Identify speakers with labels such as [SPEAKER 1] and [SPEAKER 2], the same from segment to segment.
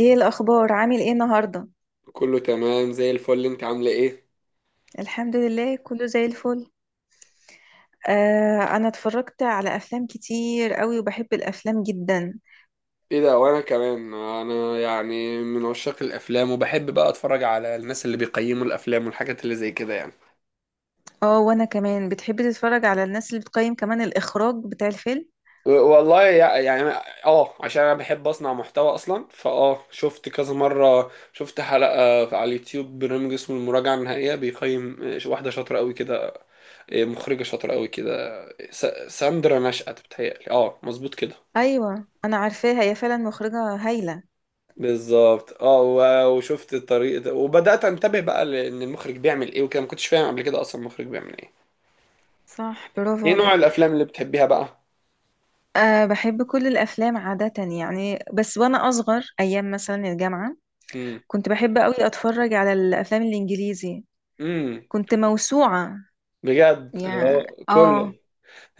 [SPEAKER 1] ايه الاخبار؟ عامل ايه النهارده؟
[SPEAKER 2] كله تمام زي الفل، انت عامله ايه؟
[SPEAKER 1] الحمد لله كله زي الفل. آه، انا اتفرجت على افلام كتير قوي وبحب الافلام جدا.
[SPEAKER 2] ايه ده! وانا كمان، انا يعني من عشاق الافلام وبحب بقى اتفرج على الناس اللي بيقيموا الافلام والحاجات اللي زي كده يعني.
[SPEAKER 1] اه، وانا كمان بتحب تتفرج على الناس اللي بتقيم كمان الاخراج بتاع الفيلم.
[SPEAKER 2] والله يعني. اه عشان انا بحب اصنع محتوى اصلا، فاه شفت كذا مره، شفت حلقه على اليوتيوب، برنامج اسمه المراجعه النهائيه بيقيم، واحده شاطره قوي كده، اه، مخرجه شاطره قوي كده. س- ساندرا نشأت، بتهيألي اه مظبوط كده.
[SPEAKER 1] ايوه انا عارفاها، هي فعلا مخرجة هايلة.
[SPEAKER 2] بالظبط. وشفت الطريق ده، وبدأت انتبه بقى لان المخرج بيعمل ايه وكده. ما كنتش فاهم قبل كده اصلا المخرج بيعمل ايه.
[SPEAKER 1] صح، برافو
[SPEAKER 2] ايه نوع
[SPEAKER 1] عليك.
[SPEAKER 2] الافلام اللي بتحبيها بقى؟
[SPEAKER 1] أه، بحب كل الأفلام عادة. يعني بس وأنا أصغر، أيام مثلا الجامعة
[SPEAKER 2] امم.
[SPEAKER 1] كنت بحب أوي أتفرج على الأفلام الإنجليزي.
[SPEAKER 2] امم.
[SPEAKER 1] كنت موسوعة
[SPEAKER 2] بجد؟ اللي
[SPEAKER 1] يعني.
[SPEAKER 2] هو
[SPEAKER 1] آه
[SPEAKER 2] كله؟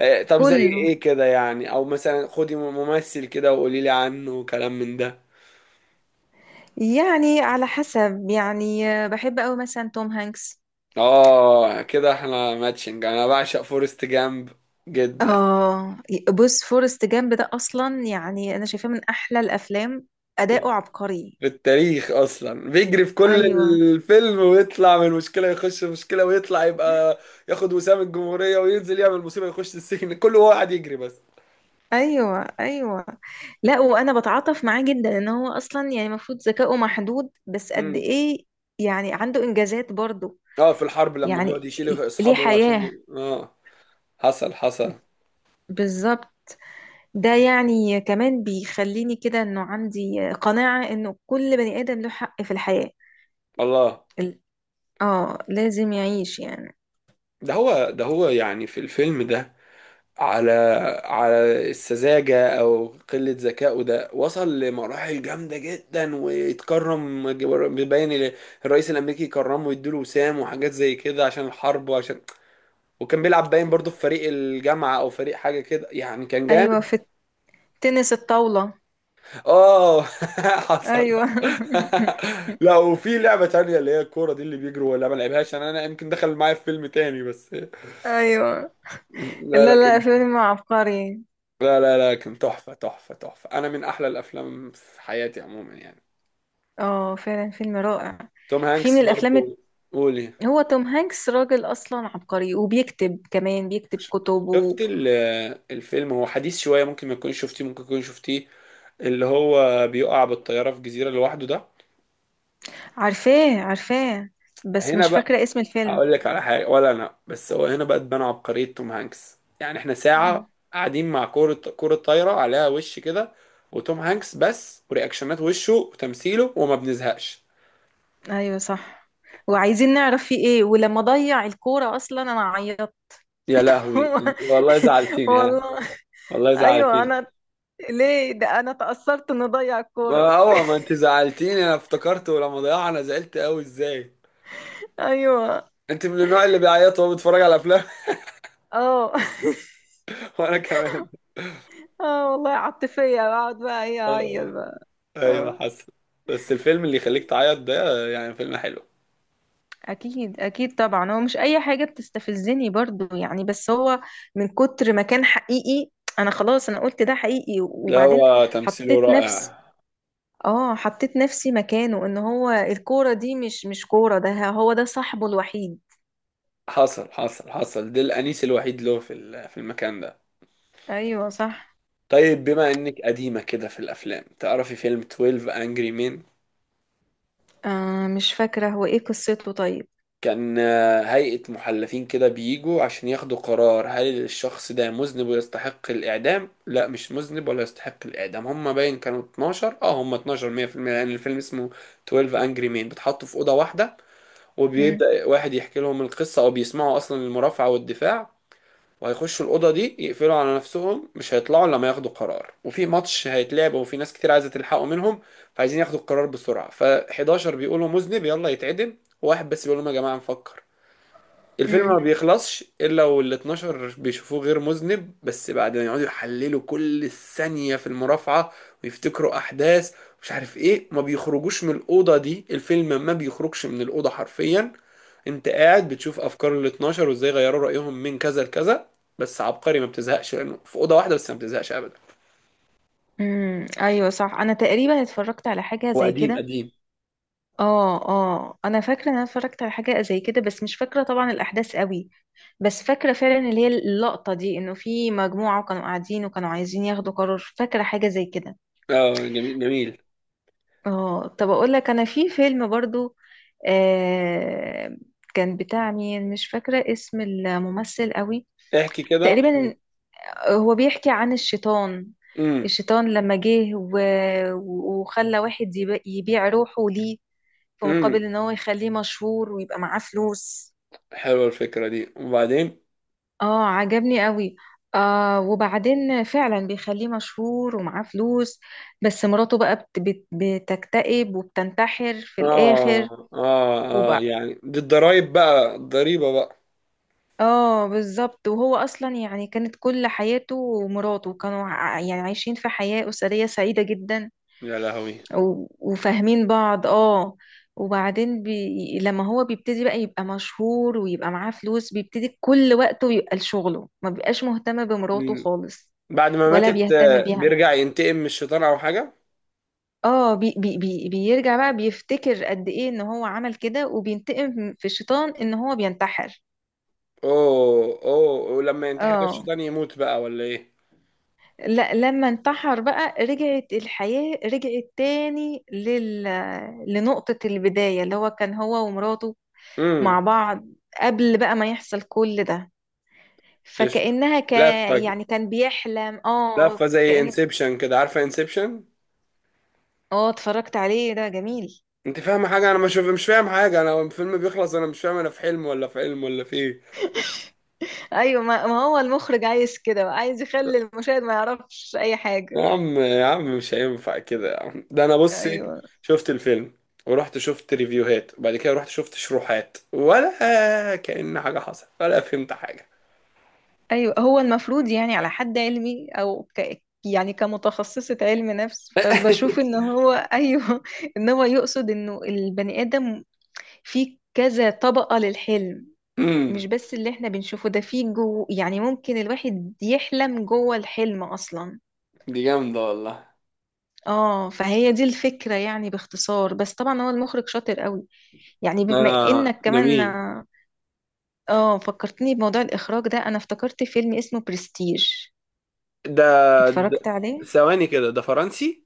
[SPEAKER 2] طب زي
[SPEAKER 1] كله.
[SPEAKER 2] ايه كده يعني؟ او مثلا خدي ممثل كده وقولي لي عنه وكلام من ده.
[SPEAKER 1] يعني على حسب يعني بحب قوي مثلا توم هانكس.
[SPEAKER 2] اه كده احنا ماتشنج، انا بعشق فورست جامب جدا.
[SPEAKER 1] اه، بص فورست جامب ده اصلا يعني انا شايفاه من احلى الافلام. اداؤه عبقري.
[SPEAKER 2] في التاريخ اصلا، بيجري في كل
[SPEAKER 1] ايوه.
[SPEAKER 2] الفيلم، ويطلع من مشكله يخش في مشكله، ويطلع يبقى ياخد وسام الجمهوريه، وينزل يعمل مصيبه يخش السجن، كله هو قاعد يجري بس.
[SPEAKER 1] ايوه. ايوه، لا وانا بتعاطف معاه جدا ان هو اصلا يعني المفروض ذكائه محدود، بس قد
[SPEAKER 2] امم.
[SPEAKER 1] ايه يعني، عنده انجازات برضه.
[SPEAKER 2] اه في الحرب لما بيقعد
[SPEAKER 1] يعني
[SPEAKER 2] يشيل
[SPEAKER 1] ليه
[SPEAKER 2] اصحابه عشان
[SPEAKER 1] حياة.
[SPEAKER 2] حصل حصل.
[SPEAKER 1] بالظبط. ده يعني كمان بيخليني كده، انه عندي قناعة انه كل بني ادم له حق في الحياة.
[SPEAKER 2] الله.
[SPEAKER 1] اه، لازم يعيش يعني.
[SPEAKER 2] ده هو يعني في الفيلم ده، على السذاجة أو قلة ذكائه ده وصل لمراحل جامدة جدا، ويتكرم، باين الرئيس الأمريكي يكرمه ويديله وسام وحاجات زي كده عشان الحرب وعشان. وكان بيلعب باين برضه في فريق الجامعة أو فريق حاجة كده يعني، كان
[SPEAKER 1] ايوه،
[SPEAKER 2] جامد.
[SPEAKER 1] في التنس الطاولة.
[SPEAKER 2] آه. حصل.
[SPEAKER 1] ايوه.
[SPEAKER 2] لا وفي لعبة تانية اللي هي الكورة دي اللي بيجروا، ولا ما لعبهاش؟ أنا يمكن دخل معايا في فيلم تاني بس.
[SPEAKER 1] ايوه.
[SPEAKER 2] لا
[SPEAKER 1] لا
[SPEAKER 2] لا كان،
[SPEAKER 1] لا، فيلم عبقري.
[SPEAKER 2] لا لا لا، كان تحفة تحفة تحفة، أنا من أحلى الأفلام في حياتي عموما يعني.
[SPEAKER 1] اه فعلا، فيلم رائع.
[SPEAKER 2] توم
[SPEAKER 1] في من
[SPEAKER 2] هانكس
[SPEAKER 1] الافلام
[SPEAKER 2] برضو. قولي.
[SPEAKER 1] هو توم هانكس راجل اصلا عبقري، وبيكتب، كمان بيكتب كتب
[SPEAKER 2] شفت ال- الفيلم هو حديث شوية، ممكن ما تكونش شفتيه، ممكن تكون شفتيه، اللي هو بيقع بالطيارة في جزيرة لوحده ده.
[SPEAKER 1] عارفاه عارفاه، بس
[SPEAKER 2] هنا
[SPEAKER 1] مش
[SPEAKER 2] بقى
[SPEAKER 1] فاكرة اسم الفيلم.
[SPEAKER 2] هقول لك على حاجة. ولا أنا بس، هو هنا بقى تبان عبقرية توم هانكس، يعني احنا ساعة
[SPEAKER 1] أمم.
[SPEAKER 2] قاعدين مع كورة، كورة طايرة عليها وش كده، وتوم هانكس بس، ورياكشنات وشه وتمثيله، وما بنزهقش.
[SPEAKER 1] ايوه صح، وعايزين نعرف فيه ايه. ولما ضيع الكورة اصلا انا عيطت.
[SPEAKER 2] يا لهوي والله زعلتيني ها.
[SPEAKER 1] والله.
[SPEAKER 2] والله
[SPEAKER 1] ايوه
[SPEAKER 2] زعلتيني.
[SPEAKER 1] انا، ليه ده؟ انا تأثرت انه ضيع الكورة.
[SPEAKER 2] ما هو ما انت زعلتيني، انا افتكرت ولما ضيعنا زعلت قوي ازاي.
[SPEAKER 1] ايوه.
[SPEAKER 2] انت من النوع اللي بيعيط وهو بيتفرج على افلام؟
[SPEAKER 1] اه.
[SPEAKER 2] وانا كمان.
[SPEAKER 1] اه والله عاطفية، بقعد بقى ايه، اعيط
[SPEAKER 2] آه،
[SPEAKER 1] بقى.
[SPEAKER 2] ايوه
[SPEAKER 1] اه.
[SPEAKER 2] حسن. بس الفيلم اللي يخليك تعيط ده يعني فيلم حلو.
[SPEAKER 1] اكيد اكيد، طبعا هو مش اي حاجه بتستفزني برضو يعني، بس هو من كتر ما كان حقيقي انا، خلاص انا قلت ده حقيقي
[SPEAKER 2] لا
[SPEAKER 1] وبعدين
[SPEAKER 2] هو تمثيله
[SPEAKER 1] حطيت نفسي.
[SPEAKER 2] رائع.
[SPEAKER 1] اه، حطيت نفسي مكانه، ان هو الكوره دي مش كوره، ده هو ده صاحبه الوحيد.
[SPEAKER 2] حصل حصل حصل، ده الانيس الوحيد له في المكان ده.
[SPEAKER 1] ايوه صح.
[SPEAKER 2] طيب بما انك قديمة كده في الافلام، تعرفي فيلم 12 Angry Men؟
[SPEAKER 1] آه، مش فاكره هو ايه قصته طيب.
[SPEAKER 2] كان هيئة محلفين كده بيجوا عشان ياخدوا قرار، هل الشخص ده مذنب ويستحق الإعدام؟ لا، مش مذنب ولا يستحق الإعدام. هما باين كانوا 12، اه هما 12، 100%، لأن الفيلم اسمه 12 Angry Men. بيتحطوا في أوضة واحدة، وبيبدأ واحد يحكي لهم القصة، أو بيسمعوا أصلا المرافعة والدفاع، وهيخشوا الأوضة دي يقفلوا على نفسهم، مش هيطلعوا إلا لما ياخدوا قرار. وفي ماتش هيتلعب، وفي ناس كتير عايزة تلحقوا منهم، فعايزين ياخدوا القرار بسرعة. ف11 بيقولوا مذنب يلا يتعدم، وواحد بس بيقول لهم يا جماعة نفكر. الفيلم
[SPEAKER 1] امم.
[SPEAKER 2] ما بيخلصش الا وال 12 بيشوفوه غير مذنب، بس بعد ما يقعدوا يحللوا كل ثانية في المرافعة ويفتكروا احداث، مش عارف ايه. ما بيخرجوش من الاوضة دي، الفيلم ما بيخرجش من الاوضة حرفيا. انت قاعد بتشوف افكار ال 12، وازاي غيروا رأيهم من كذا لكذا. بس عبقري، ما بتزهقش لانه في اوضة واحدة بس، ما بتزهقش ابدا.
[SPEAKER 1] امم، ايوه صح، انا تقريبا اتفرجت على حاجه
[SPEAKER 2] هو
[SPEAKER 1] زي
[SPEAKER 2] قديم
[SPEAKER 1] كده.
[SPEAKER 2] قديم.
[SPEAKER 1] اه اه، انا فاكره ان انا اتفرجت على حاجه زي كده، بس مش فاكره طبعا الاحداث قوي. بس فاكره فعلا اللي هي اللقطه دي، انه في مجموعه وكانوا قاعدين وكانوا عايزين ياخدوا قرار. فاكره حاجه زي كده.
[SPEAKER 2] اه جميل جميل.
[SPEAKER 1] اه، طب اقول لك، انا في فيلم برضو، آه كان بتاع مين، مش فاكره اسم الممثل قوي.
[SPEAKER 2] احكي كده.
[SPEAKER 1] تقريبا هو بيحكي عن الشيطان.
[SPEAKER 2] امم.
[SPEAKER 1] الشيطان لما جه وخلى واحد يبيع روحه ليه، في
[SPEAKER 2] امم.
[SPEAKER 1] مقابل ان هو يخليه مشهور ويبقى معاه فلوس.
[SPEAKER 2] حلوة الفكرة دي، وبعدين؟
[SPEAKER 1] اه، عجبني قوي. آه وبعدين فعلا بيخليه مشهور ومعاه فلوس. بس مراته بقى بت بت بتكتئب وبتنتحر في الآخر.
[SPEAKER 2] اه اه اه، يعني دي الضرايب بقى، الضريبة بقى.
[SPEAKER 1] اه بالظبط، وهو اصلا يعني كانت كل حياته ومراته كانوا يعني عايشين في حياة أسرية سعيدة جدا
[SPEAKER 2] يا لهوي.
[SPEAKER 1] وفاهمين بعض اه. وبعدين لما هو بيبتدي بقى يبقى مشهور ويبقى معاه فلوس، بيبتدي كل وقته يبقى لشغله، ما بيبقاش مهتم بمراته
[SPEAKER 2] مم.
[SPEAKER 1] خالص.
[SPEAKER 2] بعد ما
[SPEAKER 1] ولا
[SPEAKER 2] ماتت،
[SPEAKER 1] بيهتم بيها.
[SPEAKER 2] بيرجع ينتقم من الشيطان او حاجة؟
[SPEAKER 1] اه، بيرجع بقى، بيفتكر قد ايه ان هو عمل كده، وبينتقم في الشيطان ان هو بينتحر.
[SPEAKER 2] اوه اوه، ولما ينتحر كده
[SPEAKER 1] اه.
[SPEAKER 2] الشيطان يموت بقى ولا ايه؟
[SPEAKER 1] لا، لما انتحر بقى رجعت الحياة، رجعت تاني لنقطة البداية اللي هو كان هو ومراته
[SPEAKER 2] امم.
[SPEAKER 1] مع بعض، قبل بقى ما يحصل كل ده.
[SPEAKER 2] قشطة.
[SPEAKER 1] فكأنها
[SPEAKER 2] لفة ج-
[SPEAKER 1] يعني كان بيحلم، اه
[SPEAKER 2] لفة زي
[SPEAKER 1] كأن.
[SPEAKER 2] انسبشن كده، عارفة انسبشن؟
[SPEAKER 1] اه اتفرجت عليه، ده جميل.
[SPEAKER 2] انت فاهمة حاجة؟ انا مش فاهم حاجة، انا الفيلم بيخلص انا مش فاهم، انا في حلم ولا في علم ولا في ايه؟
[SPEAKER 1] ايوه ما هو المخرج عايز كده بقى، عايز يخلي المشاهد ما يعرفش اي حاجة.
[SPEAKER 2] يا عم يا عم مش هينفع كده يا عم، ده انا بصي،
[SPEAKER 1] ايوه.
[SPEAKER 2] شفت الفيلم، ورحت شفت ريفيوهات، وبعد كده رحت شفت شروحات، ولا كأن حاجة حصلت ولا فهمت حاجة.
[SPEAKER 1] ايوه، هو المفروض يعني على حد علمي، او يعني كمتخصصة علم نفس، فبشوف ان هو ايوه. ان هو يقصد انه البني ادم فيه كذا طبقة للحلم. مش
[SPEAKER 2] امم.
[SPEAKER 1] بس اللي احنا بنشوفه ده، فيه جو يعني ممكن الواحد يحلم جوه الحلم اصلا.
[SPEAKER 2] دي جامدة والله.
[SPEAKER 1] اه، فهي دي الفكرة يعني باختصار، بس طبعا هو المخرج شاطر قوي. يعني بما انك
[SPEAKER 2] ده
[SPEAKER 1] كمان،
[SPEAKER 2] مين
[SPEAKER 1] اه فكرتني بموضوع الاخراج ده، انا افتكرت فيلم اسمه برستيج.
[SPEAKER 2] ده؟ ده-
[SPEAKER 1] اتفرجت عليه.
[SPEAKER 2] ثواني كده، ده فرنسي؟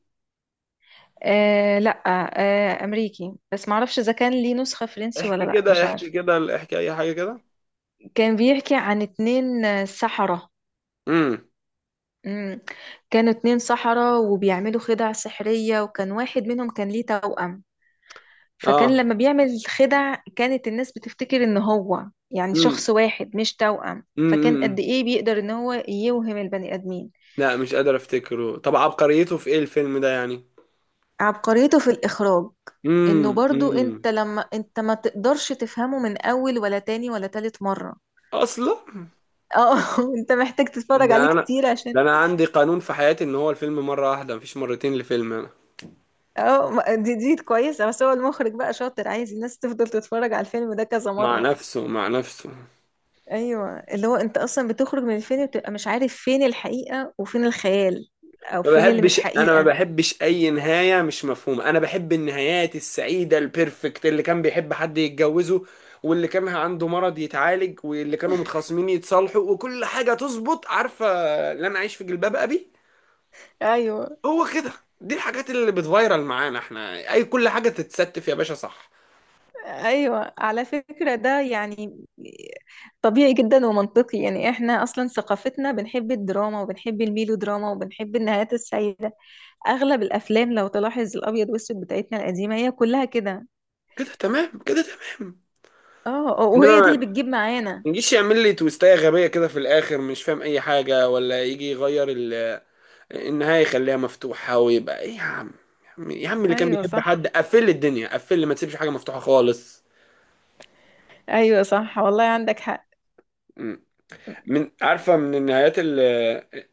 [SPEAKER 1] آه لا، آه امريكي، بس معرفش اذا كان ليه نسخة فرنسي ولا
[SPEAKER 2] احكي
[SPEAKER 1] لا، مش
[SPEAKER 2] كده، احكي
[SPEAKER 1] عارف.
[SPEAKER 2] كده، احكي اي حاجة كده.
[SPEAKER 1] كان بيحكي عن اتنين سحرة.
[SPEAKER 2] امم.
[SPEAKER 1] مم. كانوا اتنين سحرة وبيعملوا خدع سحرية، وكان واحد منهم كان ليه توأم. فكان
[SPEAKER 2] اه.
[SPEAKER 1] لما بيعمل خدع، كانت الناس بتفتكر ان هو يعني
[SPEAKER 2] امم.
[SPEAKER 1] شخص واحد مش توأم. فكان قد
[SPEAKER 2] امم.
[SPEAKER 1] ايه بيقدر ان هو يوهم البني ادمين.
[SPEAKER 2] لا مش قادر افتكره. طب عبقريته في ايه الفيلم ده يعني؟
[SPEAKER 1] عبقريته في الإخراج.
[SPEAKER 2] امم.
[SPEAKER 1] إنه برضو،
[SPEAKER 2] امم.
[SPEAKER 1] أنت لما أنت ما تقدرش تفهمه من أول ولا تاني ولا تالت مرة.
[SPEAKER 2] اصلا.
[SPEAKER 1] اه انت محتاج تتفرج عليه
[SPEAKER 2] ده انا
[SPEAKER 1] كتير عشان.
[SPEAKER 2] ده انا عندي قانون في حياتي، ان هو الفيلم مره واحده، مفيش مرتين لفيلم انا.
[SPEAKER 1] اه دي كويسة، بس هو المخرج بقى شاطر، عايز الناس تفضل تتفرج على الفيلم ده كذا
[SPEAKER 2] مع
[SPEAKER 1] مرة.
[SPEAKER 2] نفسه مع نفسه.
[SPEAKER 1] ايوه، اللي هو انت اصلا بتخرج من الفيلم بتبقى مش عارف فين الحقيقة وفين الخيال، او
[SPEAKER 2] ما
[SPEAKER 1] فين اللي مش
[SPEAKER 2] بحبش، انا ما
[SPEAKER 1] حقيقة.
[SPEAKER 2] بحبش اي نهايه مش مفهومه، انا بحب النهايات السعيده البيرفكت، اللي كان بيحب حد يتجوزه، واللي كان عنده مرض يتعالج، واللي كانوا متخاصمين يتصالحوا، وكل حاجه تظبط، عارفه؟ اللي انا عايش في جلباب ابي،
[SPEAKER 1] ايوه
[SPEAKER 2] هو كده. دي الحاجات اللي بتفايرل معانا احنا، اي كل حاجه تتستف يا باشا، صح؟
[SPEAKER 1] ايوه، على فكرة ده يعني طبيعي جدا ومنطقي، يعني احنا اصلا ثقافتنا بنحب الدراما وبنحب الميلو دراما وبنحب النهايات السعيدة. اغلب الافلام لو تلاحظ، الابيض والاسود بتاعتنا القديمة هي كلها كده.
[SPEAKER 2] كده تمام كده تمام.
[SPEAKER 1] اه. آه، وهي دي اللي
[SPEAKER 2] انما
[SPEAKER 1] بتجيب معانا.
[SPEAKER 2] يجيش يعمل لي تويستاية غبية كده في الآخر مش فاهم أي حاجة، ولا يجي يغير النهاية يخليها مفتوحة ويبقى إيه يا عم. يا عم يا عم اللي كان
[SPEAKER 1] ايوه
[SPEAKER 2] بيحب
[SPEAKER 1] صح.
[SPEAKER 2] حد قفل لي الدنيا، قفل لي، ما تسيبش حاجة مفتوحة خالص.
[SPEAKER 1] ايوه صح والله، عندك حق.
[SPEAKER 2] مم. من، عارفة من النهايات اللي،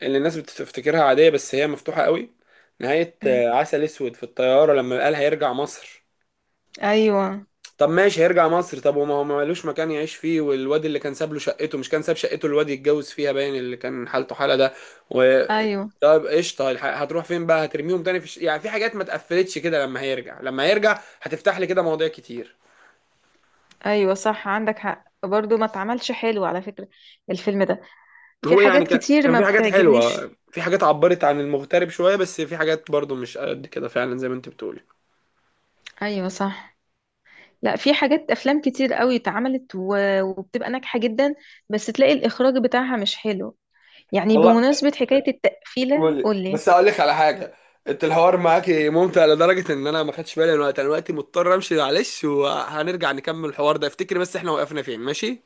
[SPEAKER 2] اللي الناس بتفتكرها عادية بس هي مفتوحة قوي، نهاية
[SPEAKER 1] م-
[SPEAKER 2] عسل أسود في الطيارة، لما قال هيرجع مصر.
[SPEAKER 1] ايوه.
[SPEAKER 2] طب ماشي هيرجع مصر، طب وما هو ما مالوش مكان يعيش فيه، والواد اللي كان ساب له شقته، مش كان ساب شقته الواد يتجوز فيها باين، اللي كان حالته حالة ده، و
[SPEAKER 1] ايوه.
[SPEAKER 2] طب قشطة هتروح فين بقى؟ هترميهم تاني في يعني في حاجات ما اتقفلتش كده، لما هيرجع، لما هيرجع هتفتح لي كده مواضيع كتير.
[SPEAKER 1] ايوه صح، عندك حق برضو، ما اتعملش حلو على فكرة الفيلم ده، في
[SPEAKER 2] هو يعني
[SPEAKER 1] حاجات
[SPEAKER 2] كان
[SPEAKER 1] كتير
[SPEAKER 2] كان
[SPEAKER 1] ما
[SPEAKER 2] في حاجات حلوة،
[SPEAKER 1] بتعجبنيش.
[SPEAKER 2] في حاجات عبرت عن المغترب شوية، بس في حاجات برضو مش قد كده فعلا زي ما انت بتقولي.
[SPEAKER 1] ايوه صح. لا، في حاجات، افلام كتير قوي اتعملت وبتبقى ناجحة جدا، بس تلاقي الاخراج بتاعها مش حلو. يعني
[SPEAKER 2] والله.
[SPEAKER 1] بمناسبة حكاية التقفيلة
[SPEAKER 2] قولي
[SPEAKER 1] قولي.
[SPEAKER 2] بس اقول لك على حاجه. انت الحوار معاكي ممتع لدرجه ان انا ما خدتش بالي من الوقت، انا دلوقتي مضطر امشي معلش، وهنرجع نكمل الحوار ده، افتكري بس احنا وقفنا فين. ماشي؟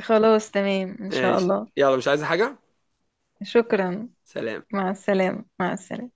[SPEAKER 1] خلاص تمام ان شاء
[SPEAKER 2] ماشي،
[SPEAKER 1] الله.
[SPEAKER 2] يلا، مش عايزه حاجه؟
[SPEAKER 1] شكرا.
[SPEAKER 2] سلام.
[SPEAKER 1] مع السلامة مع السلامة.